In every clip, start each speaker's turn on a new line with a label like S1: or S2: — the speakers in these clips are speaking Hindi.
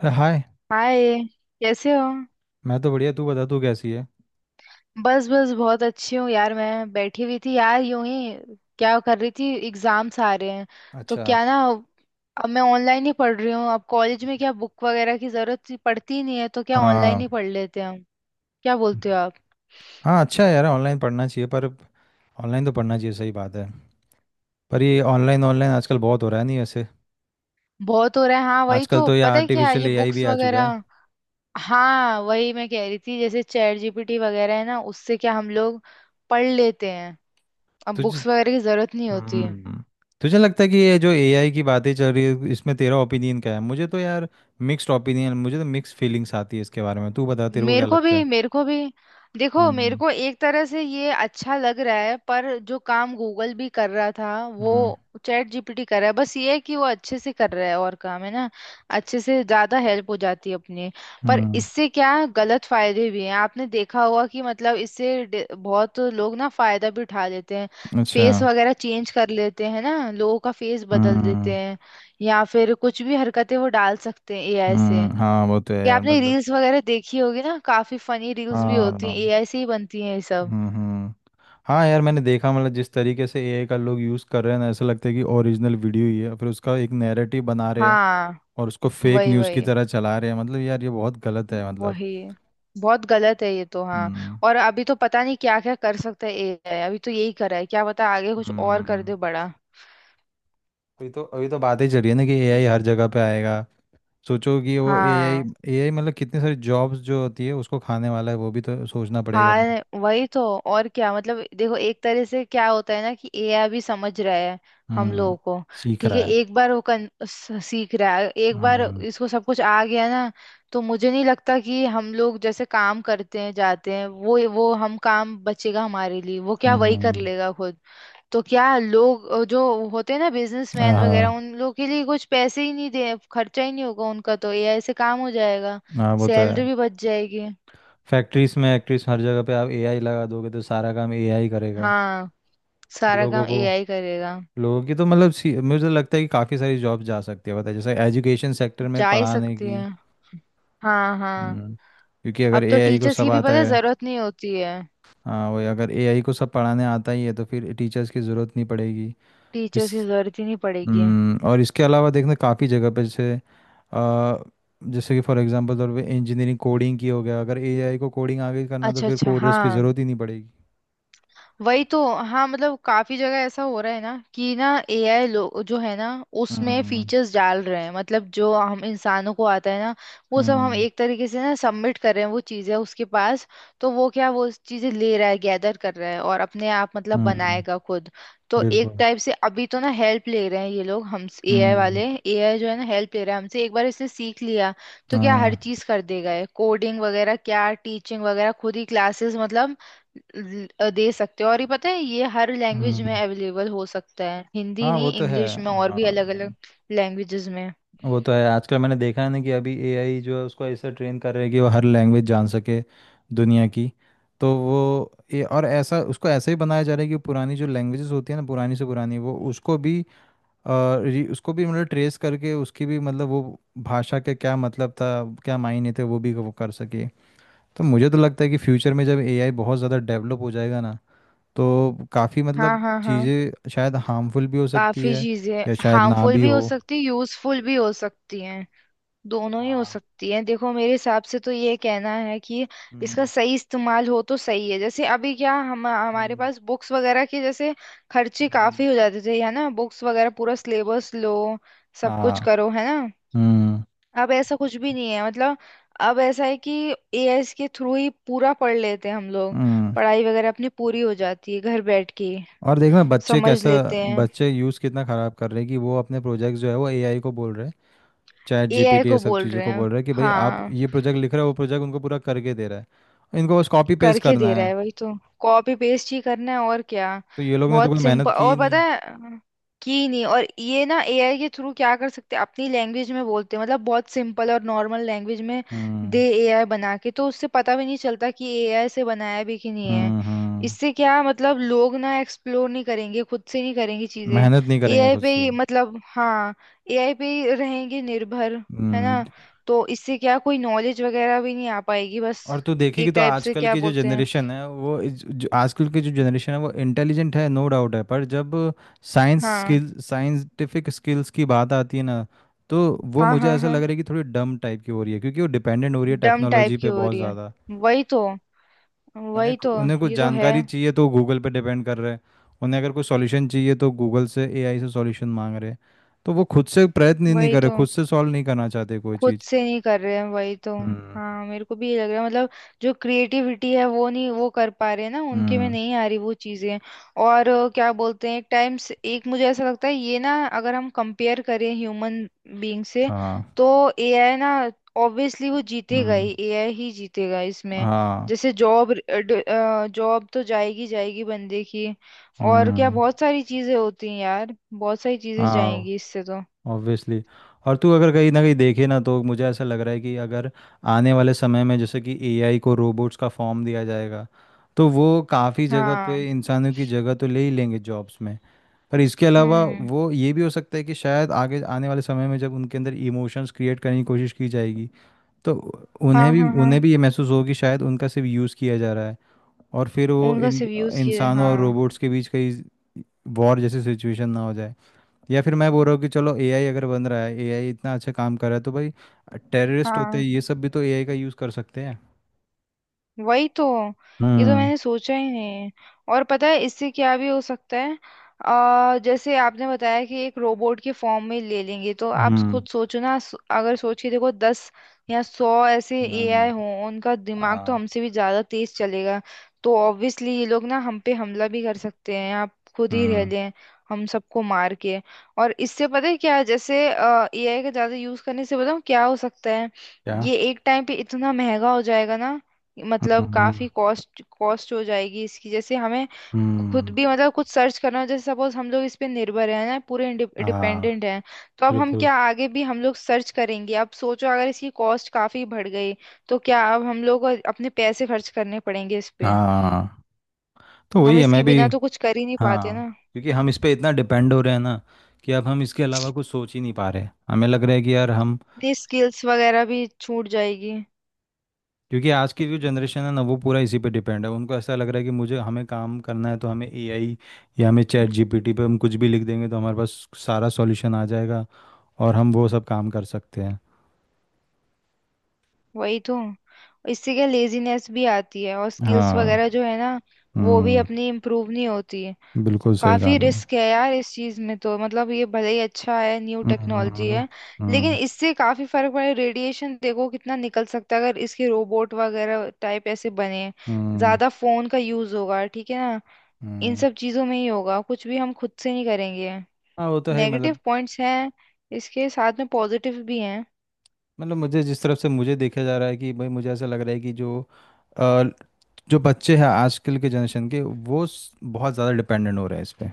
S1: अरे हाय।
S2: हाय। कैसे हो?
S1: मैं तो बढ़िया। तू बता, तू कैसी है?
S2: बस बस बहुत अच्छी हूँ यार, मैं बैठी हुई थी यार यूं ही। क्या कर रही थी? एग्जाम्स आ रहे हैं तो
S1: अच्छा।
S2: क्या ना, अब मैं ऑनलाइन ही पढ़ रही हूँ। अब कॉलेज में क्या बुक वगैरह की जरूरत ही पड़ती ही नहीं है, तो क्या ऑनलाइन
S1: हाँ।
S2: ही पढ़ लेते हैं हम। क्या बोलते हो आप?
S1: हाँ, अच्छा है यार, ऑनलाइन पढ़ना चाहिए, पर ऑनलाइन तो पढ़ना चाहिए, सही बात है। पर ये ऑनलाइन ऑनलाइन आजकल बहुत हो रहा है, नहीं वैसे?
S2: बहुत हो रहा है, हाँ वही
S1: आजकल
S2: तो,
S1: तो ये
S2: पता है क्या
S1: आर्टिफिशियल
S2: ये
S1: एआई भी
S2: बुक्स
S1: आ चुका है।
S2: वगैरह। हाँ, वही मैं कह रही थी, जैसे चैट जीपीटी वगैरह है ना, उससे क्या हम लोग पढ़ लेते हैं। अब
S1: तुझे
S2: बुक्स वगैरह की जरूरत नहीं होती।
S1: हम्म तुझे लगता है कि ये जो एआई की बातें चल रही है, इसमें तेरा ओपिनियन क्या है? मुझे तो यार मिक्स्ड ओपिनियन, मुझे तो मिक्स फीलिंग्स आती है इसके बारे में। तू बता, तेरे को क्या
S2: मेरे को
S1: लगता
S2: भी
S1: है?
S2: मेरे को भी देखो मेरे
S1: हम्म।
S2: को एक तरह से ये अच्छा लग रहा है, पर जो काम गूगल भी कर रहा था वो
S1: हम्म।
S2: चैट जीपीटी कर रहा है। बस ये है कि वो अच्छे से कर रहा है, और काम है ना अच्छे से, ज्यादा हेल्प हो जाती है अपने। पर
S1: हम्म।
S2: इससे क्या, गलत फायदे भी हैं। आपने देखा होगा कि मतलब इससे बहुत लोग ना फायदा भी उठा लेते हैं।
S1: अच्छा।
S2: फेस वगैरह चेंज कर लेते हैं ना, लोगों का फेस बदल देते
S1: हम्म।
S2: हैं। या फिर कुछ भी हरकतें वो डाल सकते हैं एआई से।
S1: हम्म। हाँ, वो तो है
S2: ये
S1: यार,
S2: आपने
S1: मतलब।
S2: रील्स वगैरह देखी होगी ना, काफी फनी रील्स भी होती
S1: हाँ।
S2: हैं, एआई से ही बनती हैं ये सब।
S1: हम्म। हम्म। हाँ यार, मैंने देखा, मतलब जिस तरीके से एआई का लोग यूज़ कर रहे हैं ना, ऐसा लगता है कि ओरिजिनल वीडियो ही है, फिर उसका एक नैरेटिव बना रहे हैं
S2: हाँ।
S1: और उसको फेक
S2: वही
S1: न्यूज़ की
S2: वही।
S1: तरह चला रहे हैं। मतलब यार, ये बहुत गलत है मतलब।
S2: वही बहुत गलत है ये तो, हाँ।
S1: हम्म।
S2: और अभी तो पता नहीं क्या क्या कर सकता है एआई, अभी तो यही कर रहा है, क्या पता आगे कुछ और कर
S1: हम्म।
S2: दे बड़ा।
S1: अभी तो बातें चल रही है ना कि एआई
S2: इस,
S1: हर जगह पे आएगा। सोचो कि वो एआई,
S2: हाँ।
S1: मतलब कितनी सारी जॉब्स जो होती है, उसको खाने वाला है, वो भी तो सोचना पड़ेगा अपने।
S2: हाँ, वही तो। और क्या मतलब, देखो एक तरह से क्या होता है ना कि एआई भी समझ रहा है हम
S1: हम्म।
S2: लोगों को।
S1: सीख
S2: ठीक
S1: रहा
S2: है,
S1: है।
S2: एक बार वो सीख रहा है। एक बार
S1: हम्म।
S2: इसको सब कुछ आ गया ना, तो मुझे नहीं लगता कि हम लोग जैसे काम करते हैं जाते हैं वो हम काम बचेगा हमारे लिए। वो क्या, वही कर
S1: हम्म।
S2: लेगा खुद। तो क्या लोग जो होते हैं ना
S1: हाँ
S2: बिजनेसमैन वगैरह,
S1: हाँ।
S2: उन लोग के लिए कुछ पैसे ही नहीं दे, खर्चा ही नहीं होगा उनका, तो एआई से काम हो जाएगा।
S1: हाँ, वो तो है।
S2: सैलरी भी बच जाएगी।
S1: फैक्ट्रीज में एक्ट्रीज हर जगह पे आप एआई लगा दोगे तो सारा काम एआई करेगा।
S2: हाँ, सारा
S1: लोगों
S2: काम
S1: को
S2: एआई करेगा।
S1: लोगों की तो मतलब मुझे तो लगता है कि काफ़ी सारी जॉब जा सकती है, पता है जैसे एजुकेशन सेक्टर में
S2: जा ही
S1: पढ़ाने
S2: सकती
S1: की।
S2: है। हाँ हाँ।
S1: हम्म, क्योंकि अगर
S2: अब तो
S1: एआई को
S2: टीचर्स
S1: सब
S2: की भी
S1: आता
S2: पता है
S1: है।
S2: जरूरत नहीं होती है।
S1: हाँ वही, अगर एआई को सब पढ़ाने आता ही है तो फिर टीचर्स की ज़रूरत नहीं पड़ेगी।
S2: टीचर्स
S1: इस
S2: की जरूरत ही नहीं पड़ेगी।
S1: और इसके अलावा देखना काफ़ी जगह पे जैसे अ, जैसे कि फॉर एग्जांपल तौर पे इंजीनियरिंग कोडिंग की हो गया, अगर एआई को कोडिंग आगे करना तो
S2: अच्छा
S1: फिर
S2: अच्छा,
S1: कोडर्स
S2: हाँ।
S1: की ज़रूरत ही नहीं पड़ेगी।
S2: वही तो। हाँ मतलब काफी जगह ऐसा हो रहा है ना कि ना एआई लोग जो है ना, उसमें
S1: हम्म।
S2: फीचर्स डाल रहे हैं। मतलब जो हम इंसानों को आता है ना, वो सब हम
S1: हम्म।
S2: एक तरीके से ना सबमिट कर रहे हैं वो चीजें उसके पास। तो वो क्या, वो चीजें ले रहा है, गैदर कर रहा है, और अपने आप मतलब
S1: हम्म।
S2: बनाएगा खुद। तो एक
S1: बिल्कुल।
S2: टाइप से अभी तो ना हेल्प ले रहे हैं ये लोग, हम एआई
S1: हम्म।
S2: वाले। एआई जो है ना, हेल्प ले रहा है हमसे। एक बार इसने सीख लिया तो क्या, हर
S1: हाँ।
S2: चीज कर देगा। कोडिंग वगैरह क्या, टीचिंग वगैरह खुद ही क्लासेस मतलब दे सकते हो। और ये पता है ये हर लैंग्वेज में
S1: हम्म।
S2: अवेलेबल हो सकता है, हिंदी
S1: हाँ वो
S2: नहीं
S1: तो है।
S2: इंग्लिश में और भी
S1: हाँ
S2: अलग अलग
S1: नहीं,
S2: लैंग्वेजेस में।
S1: वो तो है, आजकल मैंने देखा है ना कि अभी एआई जो है उसको ऐसा ट्रेन कर रहे हैं कि वो हर लैंग्वेज जान सके दुनिया की। तो वो ये और ऐसा उसको ऐसा ही बनाया जा रहा है कि पुरानी जो लैंग्वेजेस होती है ना, पुरानी से पुरानी, वो अ, उसको भी मतलब ट्रेस करके उसकी भी मतलब वो भाषा के क्या मतलब था, क्या मायने थे, वो भी वो कर सके। तो मुझे तो लगता है कि फ्यूचर में जब एआई बहुत ज़्यादा डेवलप हो जाएगा ना, तो काफ़ी
S2: हाँ
S1: मतलब
S2: हाँ हाँ।
S1: चीज़ें शायद हार्मफुल भी हो सकती
S2: काफी
S1: है,
S2: चीजें
S1: या शायद ना
S2: हार्मफुल
S1: भी
S2: भी
S1: हो।
S2: हो सकती है, यूजफुल भी हो सकती हैं, दोनों ही हो
S1: हाँ।
S2: सकती हैं। देखो मेरे हिसाब से तो ये कहना है कि इसका
S1: हम्म।
S2: सही इस्तेमाल हो तो सही है। जैसे अभी क्या, हम हमारे
S1: हम्म।
S2: पास बुक्स वगैरह के जैसे खर्चे
S1: हम्म।
S2: काफी हो जाते थे, है ना, बुक्स वगैरह पूरा सिलेबस लो, सब कुछ
S1: हाँ।
S2: करो, है ना।
S1: हम्म।
S2: अब ऐसा कुछ भी नहीं है। मतलब अब ऐसा है कि एआई के थ्रू ही पूरा पढ़ लेते हैं हम लोग।
S1: हम्म।
S2: पढ़ाई वगैरह अपनी पूरी हो जाती है, घर बैठ के
S1: और देखना
S2: समझ लेते हैं।
S1: बच्चे यूज़ कितना ख़राब कर रहे हैं कि वो अपने प्रोजेक्ट जो है वो एआई को बोल रहे हैं, चैट
S2: एआई
S1: जीपीटी ये
S2: को
S1: सब
S2: बोल
S1: चीज़ों
S2: रहे
S1: को
S2: हैं।
S1: बोल रहे हैं कि भाई आप
S2: हाँ,
S1: ये प्रोजेक्ट लिख रहे हो, वो प्रोजेक्ट उनको पूरा करके दे रहा है, इनको बस कॉपी पेस्ट
S2: करके
S1: करना
S2: दे रहा
S1: है।
S2: है, वही तो। कॉपी पेस्ट ही करना है और क्या।
S1: तो ये लोग ने तो कोई
S2: बहुत
S1: मेहनत
S2: सिंपल।
S1: की ही
S2: और पता
S1: नहीं।
S2: है, की नहीं, और ये ना एआई के थ्रू क्या कर सकते हैं, अपनी लैंग्वेज में बोलते हैं, मतलब बहुत सिंपल और नॉर्मल लैंग्वेज में दे
S1: हम्म।
S2: एआई बना के, तो उससे पता भी नहीं चलता कि एआई से बनाया भी कि नहीं है।
S1: हम्म। हम्म।
S2: इससे क्या मतलब, लोग ना एक्सप्लोर नहीं करेंगे, खुद से नहीं करेंगे चीजें।
S1: मेहनत नहीं करेंगे
S2: एआई
S1: खुद
S2: पे
S1: से।
S2: ही मतलब, हाँ, एआई पे ही रहेंगे निर्भर, है
S1: हम्म।
S2: ना। तो इससे क्या, कोई नॉलेज वगैरह भी नहीं आ पाएगी बस।
S1: और तू देखेगी
S2: एक
S1: तो
S2: टाइप से
S1: आजकल
S2: क्या
S1: की जो
S2: बोलते हैं।
S1: जनरेशन है वो इज- जो आजकल की जो जनरेशन है वो इंटेलिजेंट है, नो डाउट है, पर जब साइंस
S2: हाँ
S1: स्किल साइंटिफिक स्किल्स की बात आती है ना, तो वो
S2: हाँ
S1: मुझे
S2: हाँ।
S1: ऐसा लग
S2: हाँ,
S1: रहा है कि थोड़ी डम टाइप की हो रही है क्योंकि वो डिपेंडेंट हो रही है
S2: डम टाइप
S1: टेक्नोलॉजी
S2: की
S1: पे
S2: हो
S1: बहुत
S2: रही है,
S1: ज़्यादा।
S2: वही तो,
S1: उन्हें
S2: वही तो,
S1: उन्हें कुछ
S2: ये तो है,
S1: जानकारी चाहिए तो गूगल पे डिपेंड कर रहे हैं। उन्हें अगर कोई सॉल्यूशन चाहिए तो गूगल से, एआई से सॉल्यूशन मांग रहे हैं। तो वो खुद से प्रयत्न ही नहीं
S2: वही
S1: कर रहे,
S2: तो।
S1: खुद से सॉल्व नहीं करना चाहते कोई
S2: खुद
S1: चीज़।
S2: से नहीं कर रहे हैं, वही तो।
S1: हम्म।
S2: हाँ, मेरे को भी ये लग रहा है। मतलब जो क्रिएटिविटी है वो नहीं, वो कर पा रहे हैं ना, उनके में
S1: हम्म।
S2: नहीं आ रही वो चीजें। और क्या बोलते हैं, एक टाइम से, एक मुझे ऐसा लगता है ये ना, अगर हम कंपेयर करें ह्यूमन बीइंग से,
S1: हाँ।
S2: तो एआई ना, ऑब्वियसली वो जीतेगा
S1: हम्म।
S2: ही, एआई ही जीतेगा इसमें।
S1: हाँ।
S2: जैसे जॉब, जॉब तो जाएगी जाएगी बंदे की। और क्या,
S1: हम्म।
S2: बहुत सारी चीजें होती हैं यार, बहुत सारी चीजें
S1: हाँ।
S2: जाएंगी इससे तो।
S1: ऑब्वियसली। और तू अगर कहीं ना कहीं देखे ना, तो मुझे ऐसा लग रहा है कि अगर आने वाले समय में जैसे कि एआई को रोबोट्स का फॉर्म दिया जाएगा, तो वो काफ़ी जगह
S2: हाँ।
S1: पे इंसानों की जगह तो ले ही लेंगे जॉब्स में। पर इसके अलावा
S2: हम्म।
S1: वो ये भी हो सकता है कि शायद आगे आने वाले समय में जब उनके अंदर इमोशंस क्रिएट करने की कोशिश की जाएगी, तो
S2: हाँ
S1: उन्हें भी
S2: हाँ हाँ,
S1: उन्हें भी ये महसूस होगी शायद उनका सिर्फ यूज़ किया जा रहा है। और फिर वो
S2: उनका
S1: इन
S2: सिर्फ यूज किए,
S1: इंसानों और
S2: हाँ
S1: रोबोट्स के बीच कहीं वॉर जैसी सिचुएशन ना हो। या फिर मैं बोल रहा हूँ कि चलो एआई अगर बन रहा है, एआई इतना अच्छा काम कर रहा है, तो भाई टेररिस्ट होते हैं
S2: हाँ,
S1: ये सब भी तो एआई का यूज़ कर सकते हैं।
S2: वही तो। ये तो
S1: हम्म।
S2: मैंने सोचा ही नहीं। और पता है इससे क्या भी हो सकता है। जैसे आपने बताया कि एक रोबोट के फॉर्म में ले लेंगे, तो आप
S1: हम्म।
S2: खुद सोचो ना, अगर सोच के देखो दस या सौ ऐसे एआई
S1: हम्म।
S2: हों, उनका दिमाग तो
S1: आ,
S2: हमसे भी ज्यादा तेज चलेगा। तो ऑब्वियसली ये लोग ना हम पे हमला भी कर सकते हैं, आप खुद ही रह
S1: हम्म,
S2: लें, हम सबको मार के। और इससे पता है क्या है, जैसे एआई का ज्यादा यूज करने से बताऊं क्या हो सकता है।
S1: क्या?
S2: ये एक टाइम पे इतना महंगा हो जाएगा ना, मतलब
S1: हम्म।
S2: काफी कॉस्ट कॉस्ट हो जाएगी इसकी। जैसे हमें खुद भी
S1: हम्म।
S2: मतलब कुछ सर्च करना हो, जैसे सपोज हम लोग इस पे निर्भर हैं ना पूरे,
S1: आ,
S2: डिपेंडेंट हैं, तो अब हम
S1: बिल्कुल।
S2: क्या आगे भी हम लोग सर्च करेंगे। अब सोचो, अगर इसकी कॉस्ट काफी बढ़ गई तो क्या अब हम लोग को अपने पैसे खर्च करने पड़ेंगे इस पे।
S1: हाँ, तो
S2: हम
S1: वही है
S2: इसके
S1: मैं भी।
S2: बिना तो कुछ कर ही नहीं पाते
S1: हाँ।
S2: ना।
S1: क्योंकि हम इस पे इतना डिपेंड हो रहे हैं ना कि अब हम इसके अलावा कुछ सोच ही नहीं पा रहे, हमें लग रहा है कि यार हम,
S2: अपनी स्किल्स वगैरह भी छूट जाएगी।
S1: क्योंकि आज की जो जनरेशन है ना वो पूरा इसी पे डिपेंड है, उनको ऐसा लग रहा है कि मुझे हमें काम करना है तो हमें एआई, या हमें चैट
S2: हम्म।
S1: जीपीटी पे हम कुछ भी लिख देंगे तो हमारे पास सारा सॉल्यूशन आ जाएगा और हम वो सब काम कर सकते हैं।
S2: वही तो। इससे क्या लेजीनेस भी आती है, और स्किल्स
S1: हाँ।
S2: वगैरह जो है ना, वो भी
S1: हम्म।
S2: अपनी इम्प्रूव नहीं होती।
S1: बिल्कुल सही कहा
S2: काफी
S1: तुमने।
S2: रिस्क है यार इस चीज में तो। मतलब ये भले ही अच्छा है, न्यू टेक्नोलॉजी
S1: हम्म।
S2: है, लेकिन
S1: हम्म।
S2: इससे काफी फर्क पड़े। रेडिएशन देखो कितना निकल सकता है अगर इसके रोबोट वगैरह टाइप ऐसे बने।
S1: हम्म।
S2: ज्यादा फोन का यूज होगा, ठीक है ना। इन
S1: हम्म।
S2: सब चीजों में ही होगा, कुछ भी हम खुद से नहीं करेंगे।
S1: हाँ वो तो है ही,
S2: नेगेटिव
S1: मतलब।
S2: पॉइंट्स हैं, इसके साथ में पॉजिटिव भी हैं।
S1: मुझे जिस तरफ से मुझे देखा जा रहा है कि भाई मुझे ऐसा लग रहा है कि अ, जो बच्चे हैं आजकल के जनरेशन के वो बहुत ज़्यादा डिपेंडेंट हो रहे हैं इस पे।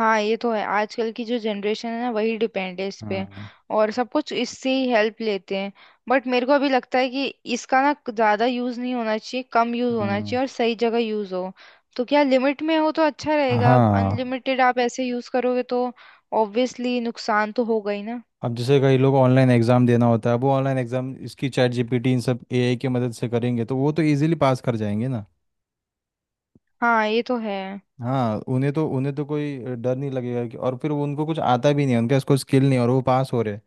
S2: हाँ, ये तो है। आजकल की जो जनरेशन है ना, वही डिपेंड है इस पे,
S1: हम्म।
S2: और सब कुछ इससे ही हेल्प लेते हैं। बट मेरे को अभी लगता है कि इसका ना ज्यादा यूज नहीं होना चाहिए, कम यूज होना
S1: हम्म।
S2: चाहिए और सही जगह यूज हो, तो क्या लिमिट में हो तो अच्छा रहेगा। अब
S1: हाँ।
S2: अनलिमिटेड आप ऐसे यूज करोगे तो ऑब्वियसली नुकसान तो होगा ही ना।
S1: अब जैसे कई लोग ऑनलाइन एग्ज़ाम देना होता है, वो ऑनलाइन एग्ज़ाम इसकी चैट जीपीटी इन सब एआई की मदद से करेंगे तो वो तो इजीली पास कर जाएंगे ना।
S2: हाँ, ये तो है।
S1: हाँ, उन्हें तो कोई डर नहीं लगेगा कि, और फिर वो, उनको कुछ आता भी नहीं है, उनके पास कोई स्किल नहीं है और वो पास हो रहे हैं।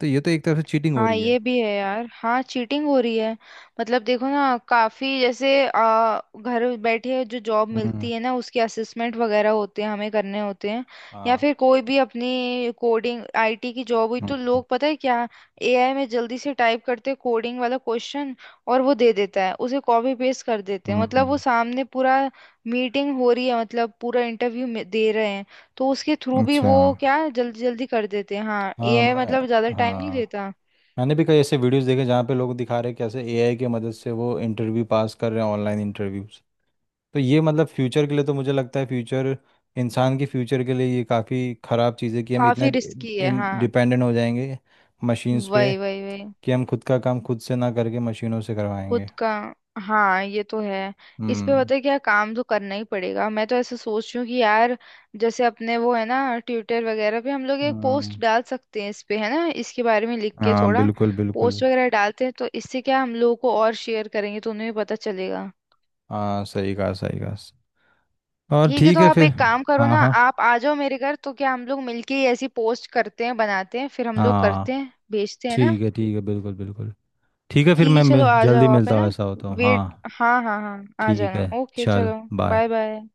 S1: तो ये तो एक तरफ से चीटिंग हो
S2: हाँ,
S1: रही है।
S2: ये भी है यार, हाँ चीटिंग हो रही है। मतलब देखो ना काफी, जैसे घर बैठे जो जॉब
S1: हम्म।
S2: मिलती है ना, उसके असेसमेंट वगैरह होते हैं हमें करने होते हैं। या
S1: हाँ।
S2: फिर कोई भी अपनी कोडिंग आईटी की जॉब हुई, तो लोग पता है क्या, एआई में जल्दी से टाइप करते हैं कोडिंग वाला क्वेश्चन, और वो दे देता है, उसे कॉपी पेस्ट कर देते हैं।
S1: हम्म।
S2: मतलब वो सामने पूरा मीटिंग हो रही है, मतलब पूरा इंटरव्यू दे रहे हैं, तो उसके थ्रू भी
S1: अच्छा।
S2: वो क्या जल्दी जल्दी कर देते हैं। हाँ
S1: हाँ।
S2: एआई
S1: मैं
S2: मतलब ज्यादा टाइम नहीं
S1: हाँ,
S2: लेता।
S1: मैंने भी कई ऐसे वीडियोस देखे जहाँ पे लोग दिखा रहे हैं कैसे एआई की मदद से वो इंटरव्यू पास कर रहे हैं, ऑनलाइन इंटरव्यू। तो ये मतलब फ्यूचर के लिए, तो मुझे लगता है फ्यूचर इंसान के फ्यूचर के लिए ये काफ़ी ख़राब चीज़ है कि हम इतना
S2: काफी रिस्की है,
S1: इन
S2: हाँ।
S1: डिपेंडेंट हो जाएंगे मशीन्स पे,
S2: वही वही वही।
S1: कि हम खुद का काम खुद से ना करके मशीनों से करवाएंगे।
S2: खुद का, हाँ ये तो है। इस पे
S1: हम्म।
S2: पता है क्या, काम तो करना ही पड़ेगा। मैं तो ऐसा सोच रही हूँ कि यार, जैसे अपने वो है ना, ट्विटर वगैरह पे हम लोग एक पोस्ट
S1: हम्म,
S2: डाल सकते हैं इस पे, है ना, इसके बारे में लिख के
S1: हाँ
S2: थोड़ा
S1: बिल्कुल बिल्कुल।
S2: पोस्ट वगैरह डालते हैं, तो इससे क्या, हम लोगों को और शेयर करेंगे तो उन्हें भी पता चलेगा।
S1: हाँ सही कहा सही कहा, और
S2: ठीक है
S1: ठीक
S2: तो
S1: है
S2: आप
S1: फिर।
S2: एक काम करो
S1: हाँ
S2: ना,
S1: हाँ
S2: आप आ जाओ मेरे घर, तो क्या हम लोग मिलके ही ऐसी पोस्ट करते हैं, बनाते हैं फिर हम लोग, करते
S1: हाँ।
S2: हैं भेजते हैं ना।
S1: ठीक है बिल्कुल बिल्कुल। ठीक है फिर
S2: ठीक है,
S1: मैं
S2: चलो आ
S1: जल्दी
S2: जाओ आप,
S1: मिलता
S2: है ना।
S1: हूँ, ऐसा हो तो।
S2: वेट,
S1: हाँ
S2: हाँ हाँ हाँ आ
S1: ठीक
S2: जाना,
S1: है,
S2: ओके
S1: चल
S2: चलो। Bye
S1: bye.
S2: बाय।